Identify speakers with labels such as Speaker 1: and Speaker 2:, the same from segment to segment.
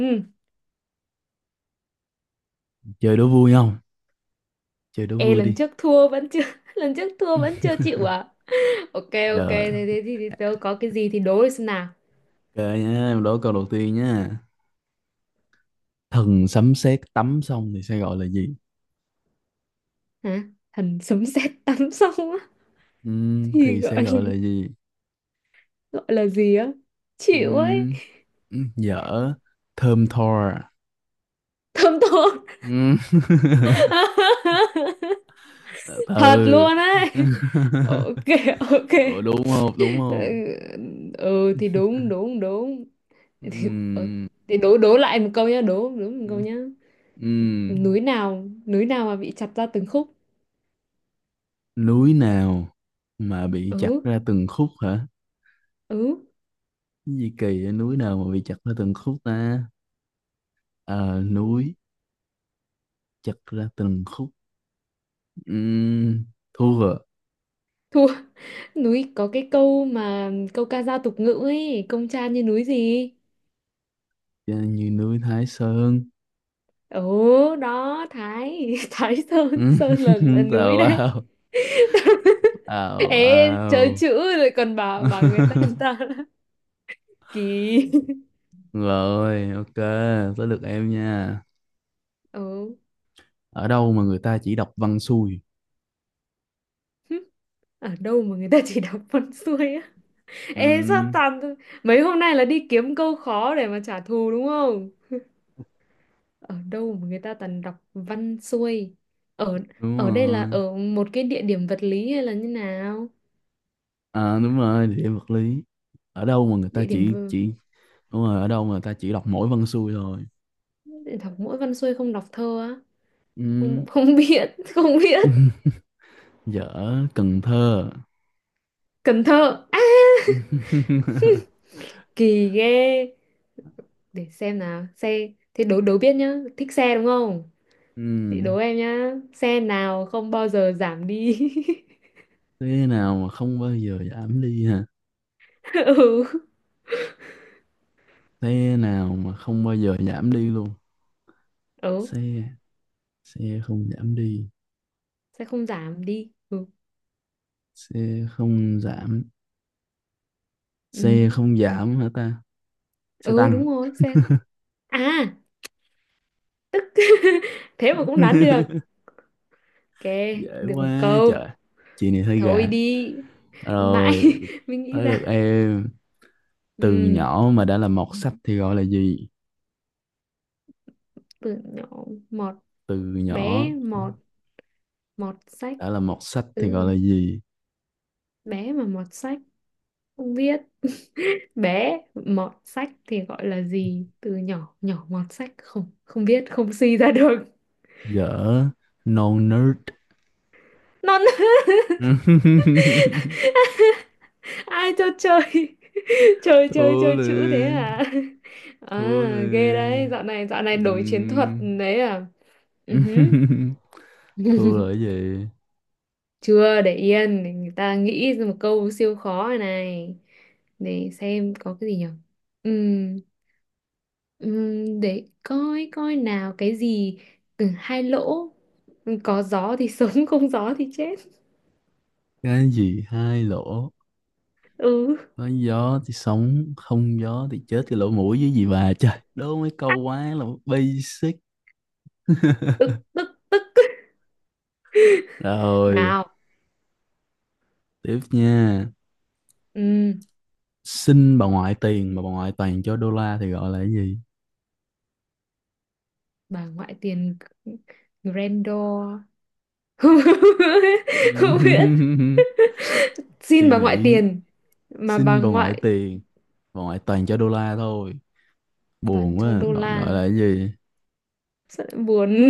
Speaker 1: Ừ.
Speaker 2: Chơi đố vui không? Chơi đố
Speaker 1: Ê
Speaker 2: vui
Speaker 1: lần
Speaker 2: đi.
Speaker 1: trước thua vẫn chưa lần trước thua vẫn chưa chịu à? Ok, ok.
Speaker 2: Giờ,
Speaker 1: Thế thế thì tớ có cái gì thì đố đi xem nào.
Speaker 2: ok nhá, em đố câu đầu tiên nhá. Thần sấm sét tắm xong thì sẽ gọi là gì?
Speaker 1: Hả? Thần sấm sét tắm xong á thì
Speaker 2: Thì sẽ
Speaker 1: gọi là,
Speaker 2: gọi là gì?
Speaker 1: gọi là gì á? Chịu ấy.
Speaker 2: Ừm, dở, thơm tho.
Speaker 1: Thơm thốt.
Speaker 2: Ừm.
Speaker 1: Thật
Speaker 2: Ừ.
Speaker 1: luôn ấy. Ok, ok.
Speaker 2: Ủa, đúng không? Đúng không?
Speaker 1: Ừ, ừ, thì đúng, đúng, đúng. Thì, Ờ,
Speaker 2: Ừm,
Speaker 1: Thì đố đố lại một câu nhá, đố đố một câu
Speaker 2: ừm,
Speaker 1: nhá.
Speaker 2: ừm.
Speaker 1: Núi nào mà bị chặt ra từng khúc?
Speaker 2: Núi nào mà bị chặt
Speaker 1: Ừ,
Speaker 2: ra từng khúc hả?
Speaker 1: ừ.
Speaker 2: Cái gì kỳ vậy? Núi nào mà bị chặt ra từng khúc ta? Ờ, núi chặt ra từng khúc. Ừm, thu vợ
Speaker 1: Thua, núi có cái câu mà câu ca dao tục ngữ ấy, công tra như núi gì?
Speaker 2: như núi Thái Sơn.
Speaker 1: Ồ, đó Thái Thái Sơn
Speaker 2: Ừm,
Speaker 1: Sơn là núi
Speaker 2: tào
Speaker 1: đấy.
Speaker 2: lao, tào
Speaker 1: Ê, chơi
Speaker 2: lao.
Speaker 1: chữ rồi còn bảo bảo người ta là kỳ.
Speaker 2: Rồi ok, tới lượt em nha.
Speaker 1: Ừ.
Speaker 2: Ở đâu mà người ta chỉ đọc văn xuôi?
Speaker 1: Ở đâu mà người ta chỉ đọc con xuôi á? Ê sao
Speaker 2: Ừm,
Speaker 1: toàn, mấy hôm nay là đi kiếm câu khó để mà trả thù đúng không? Ở đâu mà người ta toàn đọc văn xuôi? ở
Speaker 2: đúng
Speaker 1: ở đây là
Speaker 2: rồi.
Speaker 1: ở một cái địa điểm vật lý hay là như nào?
Speaker 2: À đúng rồi, địa em vật lý. Ở đâu mà người ta
Speaker 1: địa điểm v-
Speaker 2: chỉ, đúng rồi, ở đâu mà người ta chỉ đọc mỗi văn xuôi thôi?
Speaker 1: để đọc mỗi văn xuôi không đọc thơ á? không
Speaker 2: Ừm,
Speaker 1: không biết. Không biết.
Speaker 2: dở, Cần Thơ.
Speaker 1: Cần Thơ á. Kỳ ghê. Để xem nào, xe, thế đố đố biết nhá, thích xe đúng không? Chị đố
Speaker 2: Ừm,
Speaker 1: em nhá, xe nào không bao giờ giảm đi?
Speaker 2: thế nào mà không bao giờ giảm đi hả?
Speaker 1: Ừ.
Speaker 2: Thế nào mà không bao giờ giảm đi luôn?
Speaker 1: Ừ,
Speaker 2: Xe, xe không giảm đi,
Speaker 1: sẽ không giảm đi, ừ.
Speaker 2: xe không giảm,
Speaker 1: Ừ,
Speaker 2: xe không giảm hả ta? Xe
Speaker 1: ừ
Speaker 2: tăng.
Speaker 1: đúng rồi xe. À. Thế mà cũng đoán được. Ok,
Speaker 2: dễ
Speaker 1: được một
Speaker 2: quá
Speaker 1: câu.
Speaker 2: trời, chị này hơi
Speaker 1: Thôi
Speaker 2: gà.
Speaker 1: đi. Mãi
Speaker 2: Rồi,
Speaker 1: mình nghĩ
Speaker 2: tới
Speaker 1: ra.
Speaker 2: lượt em. Từ
Speaker 1: Ừ,
Speaker 2: nhỏ mà đã là mọt sách thì gọi là gì?
Speaker 1: từ nhỏ mọt,
Speaker 2: Từ nhỏ
Speaker 1: bé mọt mọt sách.
Speaker 2: đã là mọt sách
Speaker 1: Ừ,
Speaker 2: thì gọi là gì?
Speaker 1: bé mà mọt sách, không biết. Bé mọt sách thì gọi là gì? Từ nhỏ nhỏ mọt sách không không biết, không suy ra được.
Speaker 2: Dở, no nerd.
Speaker 1: Non. Ai cho chơi? chơi chơi
Speaker 2: thua
Speaker 1: chơi chữ thế
Speaker 2: liền,
Speaker 1: à?
Speaker 2: thua
Speaker 1: À ghê đấy,
Speaker 2: liền.
Speaker 1: dạo này đổi chiến thuật
Speaker 2: Ừm.
Speaker 1: đấy à. Ừ hứ.
Speaker 2: thua là cái gì?
Speaker 1: Chưa, để yên để người ta nghĩ ra một câu siêu khó này. Để xem có cái gì nhỉ. Ừm, để coi coi nào cái gì. Ừ, hai lỗ. Ừ, có gió thì sống, không gió thì chết.
Speaker 2: Cái gì hai lỗ,
Speaker 1: Ừ,
Speaker 2: có gió thì sống không gió thì chết? Cái lỗ mũi, với gì bà trời đố mấy câu quá là basic.
Speaker 1: tức, tức, tức
Speaker 2: rồi,
Speaker 1: nào.
Speaker 2: tiếp nha.
Speaker 1: Ừm,
Speaker 2: Xin bà ngoại tiền mà bà ngoại toàn cho đô la thì gọi là cái gì?
Speaker 1: bà ngoại tiền grandor. Không biết. Xin
Speaker 2: suy
Speaker 1: bà ngoại
Speaker 2: nghĩ.
Speaker 1: tiền mà bà
Speaker 2: Xin bà ngoại
Speaker 1: ngoại
Speaker 2: tiền, bà ngoại toàn cho đô la thôi,
Speaker 1: toàn
Speaker 2: buồn
Speaker 1: cho
Speaker 2: quá,
Speaker 1: đô
Speaker 2: gọi
Speaker 1: la.
Speaker 2: gọi là cái gì?
Speaker 1: Sợ buồn.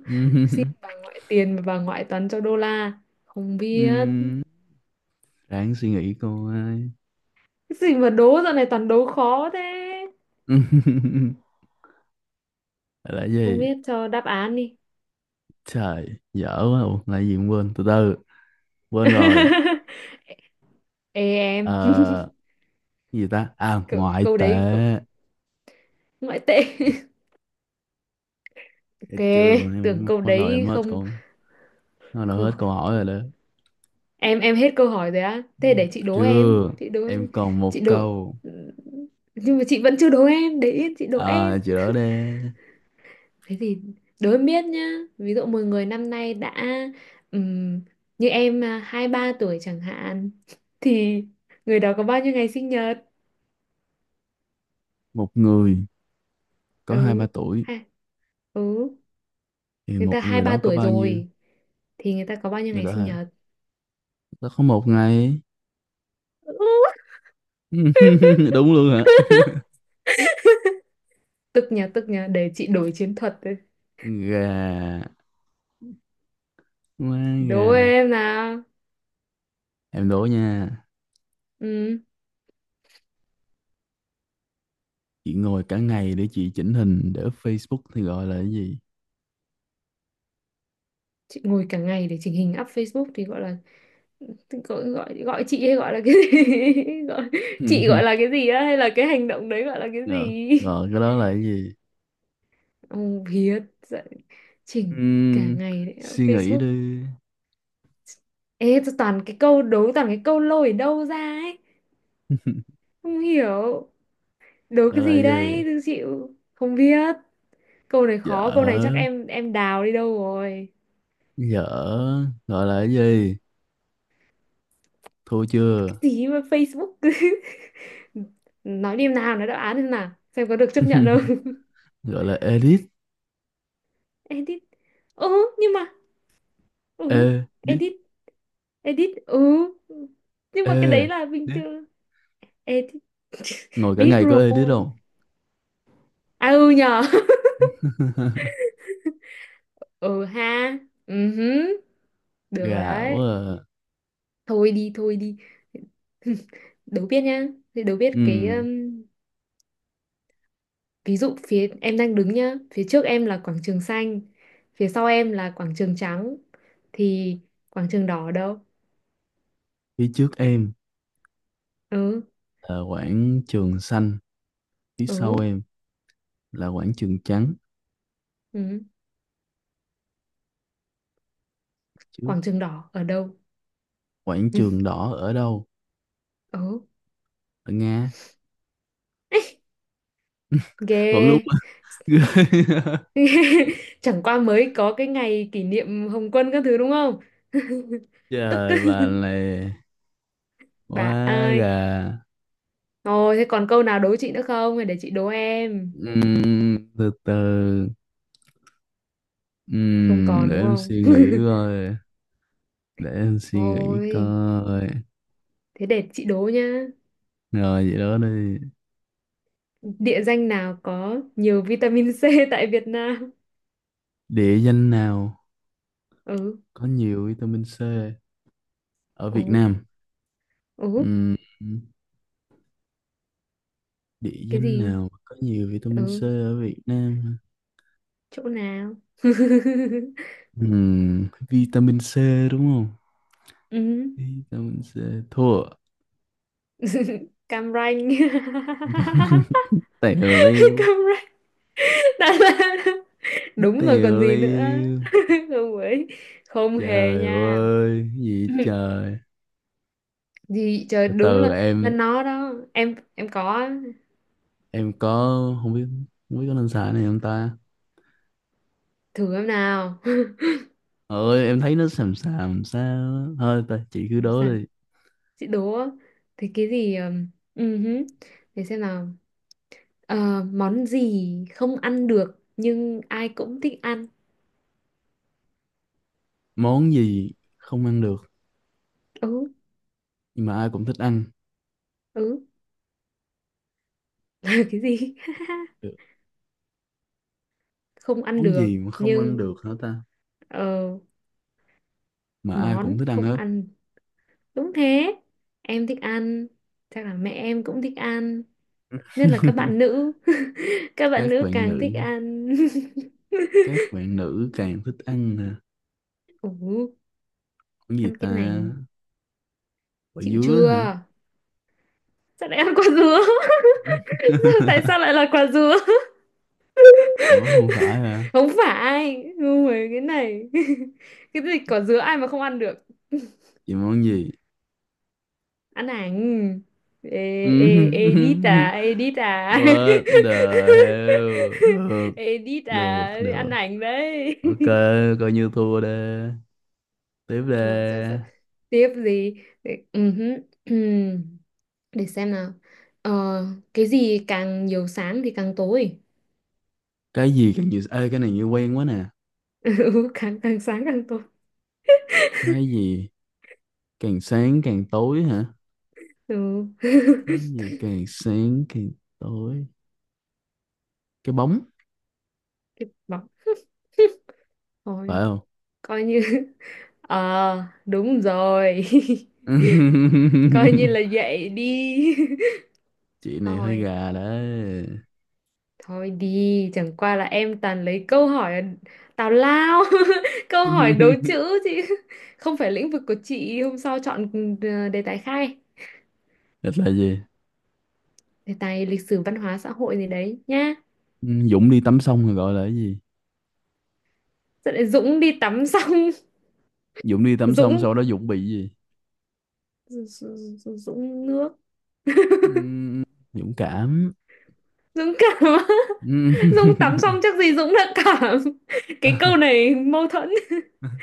Speaker 1: Xin bà ngoại tiền mà bà ngoại toàn cho đô la, không biết.
Speaker 2: Ừm, ráng suy nghĩ coi.
Speaker 1: Cái gì mà đố dạo này toàn đố khó thế?
Speaker 2: là cái
Speaker 1: Không
Speaker 2: gì?
Speaker 1: biết, cho đáp án đi.
Speaker 2: Trời dở quá. Ủa, là cái gì cũng quên, từ từ, quên rồi.
Speaker 1: Ê em.
Speaker 2: Ờ, cái gì ta? À,
Speaker 1: câu,
Speaker 2: ngoại
Speaker 1: câu
Speaker 2: tệ.
Speaker 1: đấy, ngoại tệ. Ok.
Speaker 2: Thấy chưa,
Speaker 1: Tưởng
Speaker 2: em
Speaker 1: câu
Speaker 2: bắt đầu em
Speaker 1: đấy
Speaker 2: hết
Speaker 1: không,
Speaker 2: câu, bắt đầu hết
Speaker 1: không-
Speaker 2: câu hỏi rồi đó.
Speaker 1: em hết câu hỏi rồi á, thế để chị đố em,
Speaker 2: Chưa,
Speaker 1: chị đố
Speaker 2: em còn
Speaker 1: chị
Speaker 2: một
Speaker 1: đố
Speaker 2: câu.
Speaker 1: Nhưng mà chị vẫn chưa đố em, để yên chị đố em.
Speaker 2: À chị đỡ đe,
Speaker 1: Thế thì đối em biết nhá, ví dụ một người năm nay đã, ừm, như em à, hai ba tuổi chẳng hạn, thì người đó có bao nhiêu ngày sinh nhật?
Speaker 2: một người có hai
Speaker 1: Ừ
Speaker 2: ba tuổi
Speaker 1: ha, ừ.
Speaker 2: thì
Speaker 1: Người
Speaker 2: một
Speaker 1: ta hai
Speaker 2: người
Speaker 1: ba
Speaker 2: đó có
Speaker 1: tuổi
Speaker 2: bao nhiêu?
Speaker 1: rồi, thì người ta có bao nhiêu
Speaker 2: Người
Speaker 1: ngày
Speaker 2: ta
Speaker 1: sinh
Speaker 2: hả? Người
Speaker 1: nhật?
Speaker 2: ta có một ngày.
Speaker 1: Ừ.
Speaker 2: đúng luôn hả?
Speaker 1: Tức nhờ, tức nhờ, để chị đổi chiến thuật đây.
Speaker 2: Gà quá
Speaker 1: Đố
Speaker 2: gà.
Speaker 1: em nào.
Speaker 2: Em đố nha,
Speaker 1: Ừ.
Speaker 2: chị ngồi cả ngày để chị chỉnh hình để up Facebook thì gọi là cái gì?
Speaker 1: Chị ngồi cả ngày để chỉnh hình up Facebook thì gọi là, gọi chị hay gọi là cái gì? gọi, Chị gọi là cái gì á? Hay là cái hành động đấy gọi là cái
Speaker 2: Ngờ,
Speaker 1: gì?
Speaker 2: gọi cái đó là cái gì?
Speaker 1: Ông Hiết dạy chỉnh cả
Speaker 2: Ừm,
Speaker 1: ngày đấy ở
Speaker 2: Suy nghĩ
Speaker 1: Facebook.
Speaker 2: đi.
Speaker 1: Ê, tôi toàn cái câu đố, toàn cái câu lôi ở đâu ra ấy. Không hiểu. Đố
Speaker 2: gọi
Speaker 1: cái
Speaker 2: là
Speaker 1: gì
Speaker 2: cái
Speaker 1: đấy,
Speaker 2: gì?
Speaker 1: tôi chịu. Không biết. Câu này khó, câu này chắc
Speaker 2: Dở,
Speaker 1: em đào đi đâu rồi.
Speaker 2: dở, gọi là cái gì, thua
Speaker 1: Cái
Speaker 2: chưa?
Speaker 1: gì mà Facebook cứ nói đi em nào, nói đáp án xem nào. Xem có được chấp nhận không.
Speaker 2: gọi là edit.
Speaker 1: Edit. Ừ, nhưng mà, ừ,
Speaker 2: Edit,
Speaker 1: edit, edit. Ừ. Nhưng mà cái đấy
Speaker 2: edit,
Speaker 1: là bình thường. Edit.
Speaker 2: ngồi cả
Speaker 1: Biết
Speaker 2: ngày có
Speaker 1: rồi.
Speaker 2: edit không?
Speaker 1: À ừ nhờ. Ừ ha, ừ hứ. Được rồi
Speaker 2: Gạo
Speaker 1: đấy.
Speaker 2: à.
Speaker 1: Thôi đi, thôi đi. Đố biết nhá. Thì đố biết cái,
Speaker 2: Ừm,
Speaker 1: ví dụ phía em đang đứng nhá, phía trước em là quảng trường xanh, phía sau em là quảng trường trắng, thì quảng trường đỏ ở đâu?
Speaker 2: phía trước em
Speaker 1: Ừ,
Speaker 2: là quảng trường xanh, phía sau
Speaker 1: ừ,
Speaker 2: em là quảng trường trắng
Speaker 1: ừ.
Speaker 2: chứ,
Speaker 1: Quảng trường đỏ ở đâu?
Speaker 2: quảng
Speaker 1: Ừ,
Speaker 2: trường đỏ ở đâu?
Speaker 1: ừ.
Speaker 2: Ở Nga, vẫn đúng.
Speaker 1: Ghê. Chẳng qua mới có cái ngày kỷ niệm Hồng Quân các thứ đúng không? Tức,
Speaker 2: trời bà này, quá
Speaker 1: bà
Speaker 2: gà.
Speaker 1: ai. Ồ, thế còn câu nào đố chị nữa không? Hay để chị đố em.
Speaker 2: Từ từ,
Speaker 1: Không còn
Speaker 2: Để
Speaker 1: đúng
Speaker 2: em
Speaker 1: không?
Speaker 2: suy nghĩ coi, để em suy nghĩ
Speaker 1: Thôi,
Speaker 2: coi.
Speaker 1: thế để chị đố nhá.
Speaker 2: Rồi vậy đó đi.
Speaker 1: Địa danh nào có nhiều vitamin C tại Việt Nam?
Speaker 2: Địa danh nào
Speaker 1: Ừ,
Speaker 2: có nhiều vitamin C ở Việt
Speaker 1: ừ,
Speaker 2: Nam?
Speaker 1: ừ,
Speaker 2: Ừm, Địa
Speaker 1: cái
Speaker 2: danh
Speaker 1: gì?
Speaker 2: nào có nhiều vitamin C
Speaker 1: Ừ,
Speaker 2: ở Việt Nam?
Speaker 1: chỗ nào?
Speaker 2: Vitamin C đúng không?
Speaker 1: Ừ.
Speaker 2: Vitamin C, thua.
Speaker 1: Cam Ranh.
Speaker 2: tèo leo.
Speaker 1: Cam Ranh. Đà Lạt.
Speaker 2: Nó
Speaker 1: Đúng rồi còn
Speaker 2: tiều
Speaker 1: gì nữa.
Speaker 2: liêu.
Speaker 1: Không ấy. Không hề
Speaker 2: Trời
Speaker 1: nha.
Speaker 2: ơi cái gì trời.
Speaker 1: Gì trời,
Speaker 2: Từ
Speaker 1: đúng
Speaker 2: từ,
Speaker 1: là nó đó, em có
Speaker 2: em có, không biết, không biết có nên xài này không ta.
Speaker 1: thử em nào.
Speaker 2: Ơi em thấy nó xàm xàm sao á. Thôi ta, chị cứ
Speaker 1: Làm
Speaker 2: đố
Speaker 1: sao
Speaker 2: đi.
Speaker 1: chị đố á. Thì cái gì, ừ để xem nào. Ờ, món gì không ăn được nhưng ai cũng thích ăn?
Speaker 2: Món gì không ăn được
Speaker 1: Ừ,
Speaker 2: nhưng mà ai cũng thích ăn?
Speaker 1: ừ. Cái gì?
Speaker 2: Được,
Speaker 1: Không ăn
Speaker 2: món
Speaker 1: được
Speaker 2: gì mà không ăn
Speaker 1: nhưng,
Speaker 2: được hả ta,
Speaker 1: ờ,
Speaker 2: mà ai
Speaker 1: món
Speaker 2: cũng thích ăn
Speaker 1: không
Speaker 2: hết?
Speaker 1: ăn, đúng thế. Em thích ăn, chắc là mẹ em cũng thích ăn, nhất là các bạn nữ. Các bạn
Speaker 2: các
Speaker 1: nữ
Speaker 2: bạn
Speaker 1: càng
Speaker 2: nữ,
Speaker 1: thích ăn.
Speaker 2: các bạn nữ càng thích ăn nè.
Speaker 1: Ừ.
Speaker 2: Món gì
Speaker 1: Ăn cái
Speaker 2: ta?
Speaker 1: này,
Speaker 2: Quả
Speaker 1: chịu
Speaker 2: dứa
Speaker 1: chưa?
Speaker 2: hả?
Speaker 1: Sao lại ăn quả dứa? Tại sao lại là quả dứa?
Speaker 2: Ủa không phải hả?
Speaker 1: Không phải ngu rồi cái này. Cái gì, quả dứa ai mà không ăn được?
Speaker 2: Chị, món gì?
Speaker 1: Ăn ảnh. Ê,
Speaker 2: Ừm,
Speaker 1: ê, edit à, edit à.
Speaker 2: what the hell? Được,
Speaker 1: Edit
Speaker 2: được,
Speaker 1: à,
Speaker 2: được.
Speaker 1: ăn ảnh đấy.
Speaker 2: Ok, coi như thua đi. Tiếp
Speaker 1: Thôi,
Speaker 2: đi.
Speaker 1: tiếp gì? Ừ hứ, để xem nào. ờ, cái gì càng nhiều sáng thì càng tối?
Speaker 2: Cái gì càng nhiều... Ê, cái này như quen quá nè.
Speaker 1: Ừ, càng càng sáng càng tốt.
Speaker 2: Cái gì càng sáng càng tối hả?
Speaker 1: Ừ.
Speaker 2: Cái gì càng sáng càng tối? Cái bóng,
Speaker 1: Bọc
Speaker 2: phải
Speaker 1: thôi,
Speaker 2: không?
Speaker 1: coi như. Ờ, đúng rồi. Coi như là vậy đi.
Speaker 2: Chị này hơi
Speaker 1: Thôi,
Speaker 2: gà đấy.
Speaker 1: thôi đi, chẳng qua là em toàn lấy câu hỏi tào lao. Câu hỏi đố chữ chứ không phải lĩnh vực của chị, hôm sau chọn ừ,
Speaker 2: Thật là gì?
Speaker 1: đề tài lịch sử văn hóa xã hội gì đấy nhá.
Speaker 2: Ừ, Dũng đi tắm xong rồi gọi là cái gì?
Speaker 1: Dẫn lại, Dũng đi tắm xong.
Speaker 2: Dũng đi tắm xong
Speaker 1: Dũng
Speaker 2: sau đó Dũng bị gì?
Speaker 1: Dũng Dũng nước.
Speaker 2: Ừm, dũng cảm.
Speaker 1: Dũng cảm. Dũng tắm
Speaker 2: Ừm.
Speaker 1: xong chắc gì Dũng đã cảm. Cái câu này mâu thuẫn.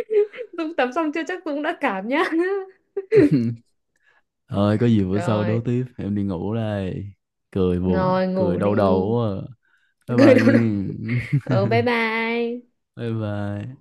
Speaker 1: Dũng tắm xong chưa chắc Dũng đã cảm nhá.
Speaker 2: thôi có gì bữa sau
Speaker 1: Rồi.
Speaker 2: đấu tiếp, em đi ngủ đây. Cười buồn
Speaker 1: Rồi
Speaker 2: cười
Speaker 1: ngủ
Speaker 2: đau đầu
Speaker 1: đi.
Speaker 2: quá. À, bye
Speaker 1: Cười
Speaker 2: bye
Speaker 1: đâu đâu.
Speaker 2: nghe.
Speaker 1: Ừ, bye bye.
Speaker 2: bye bye.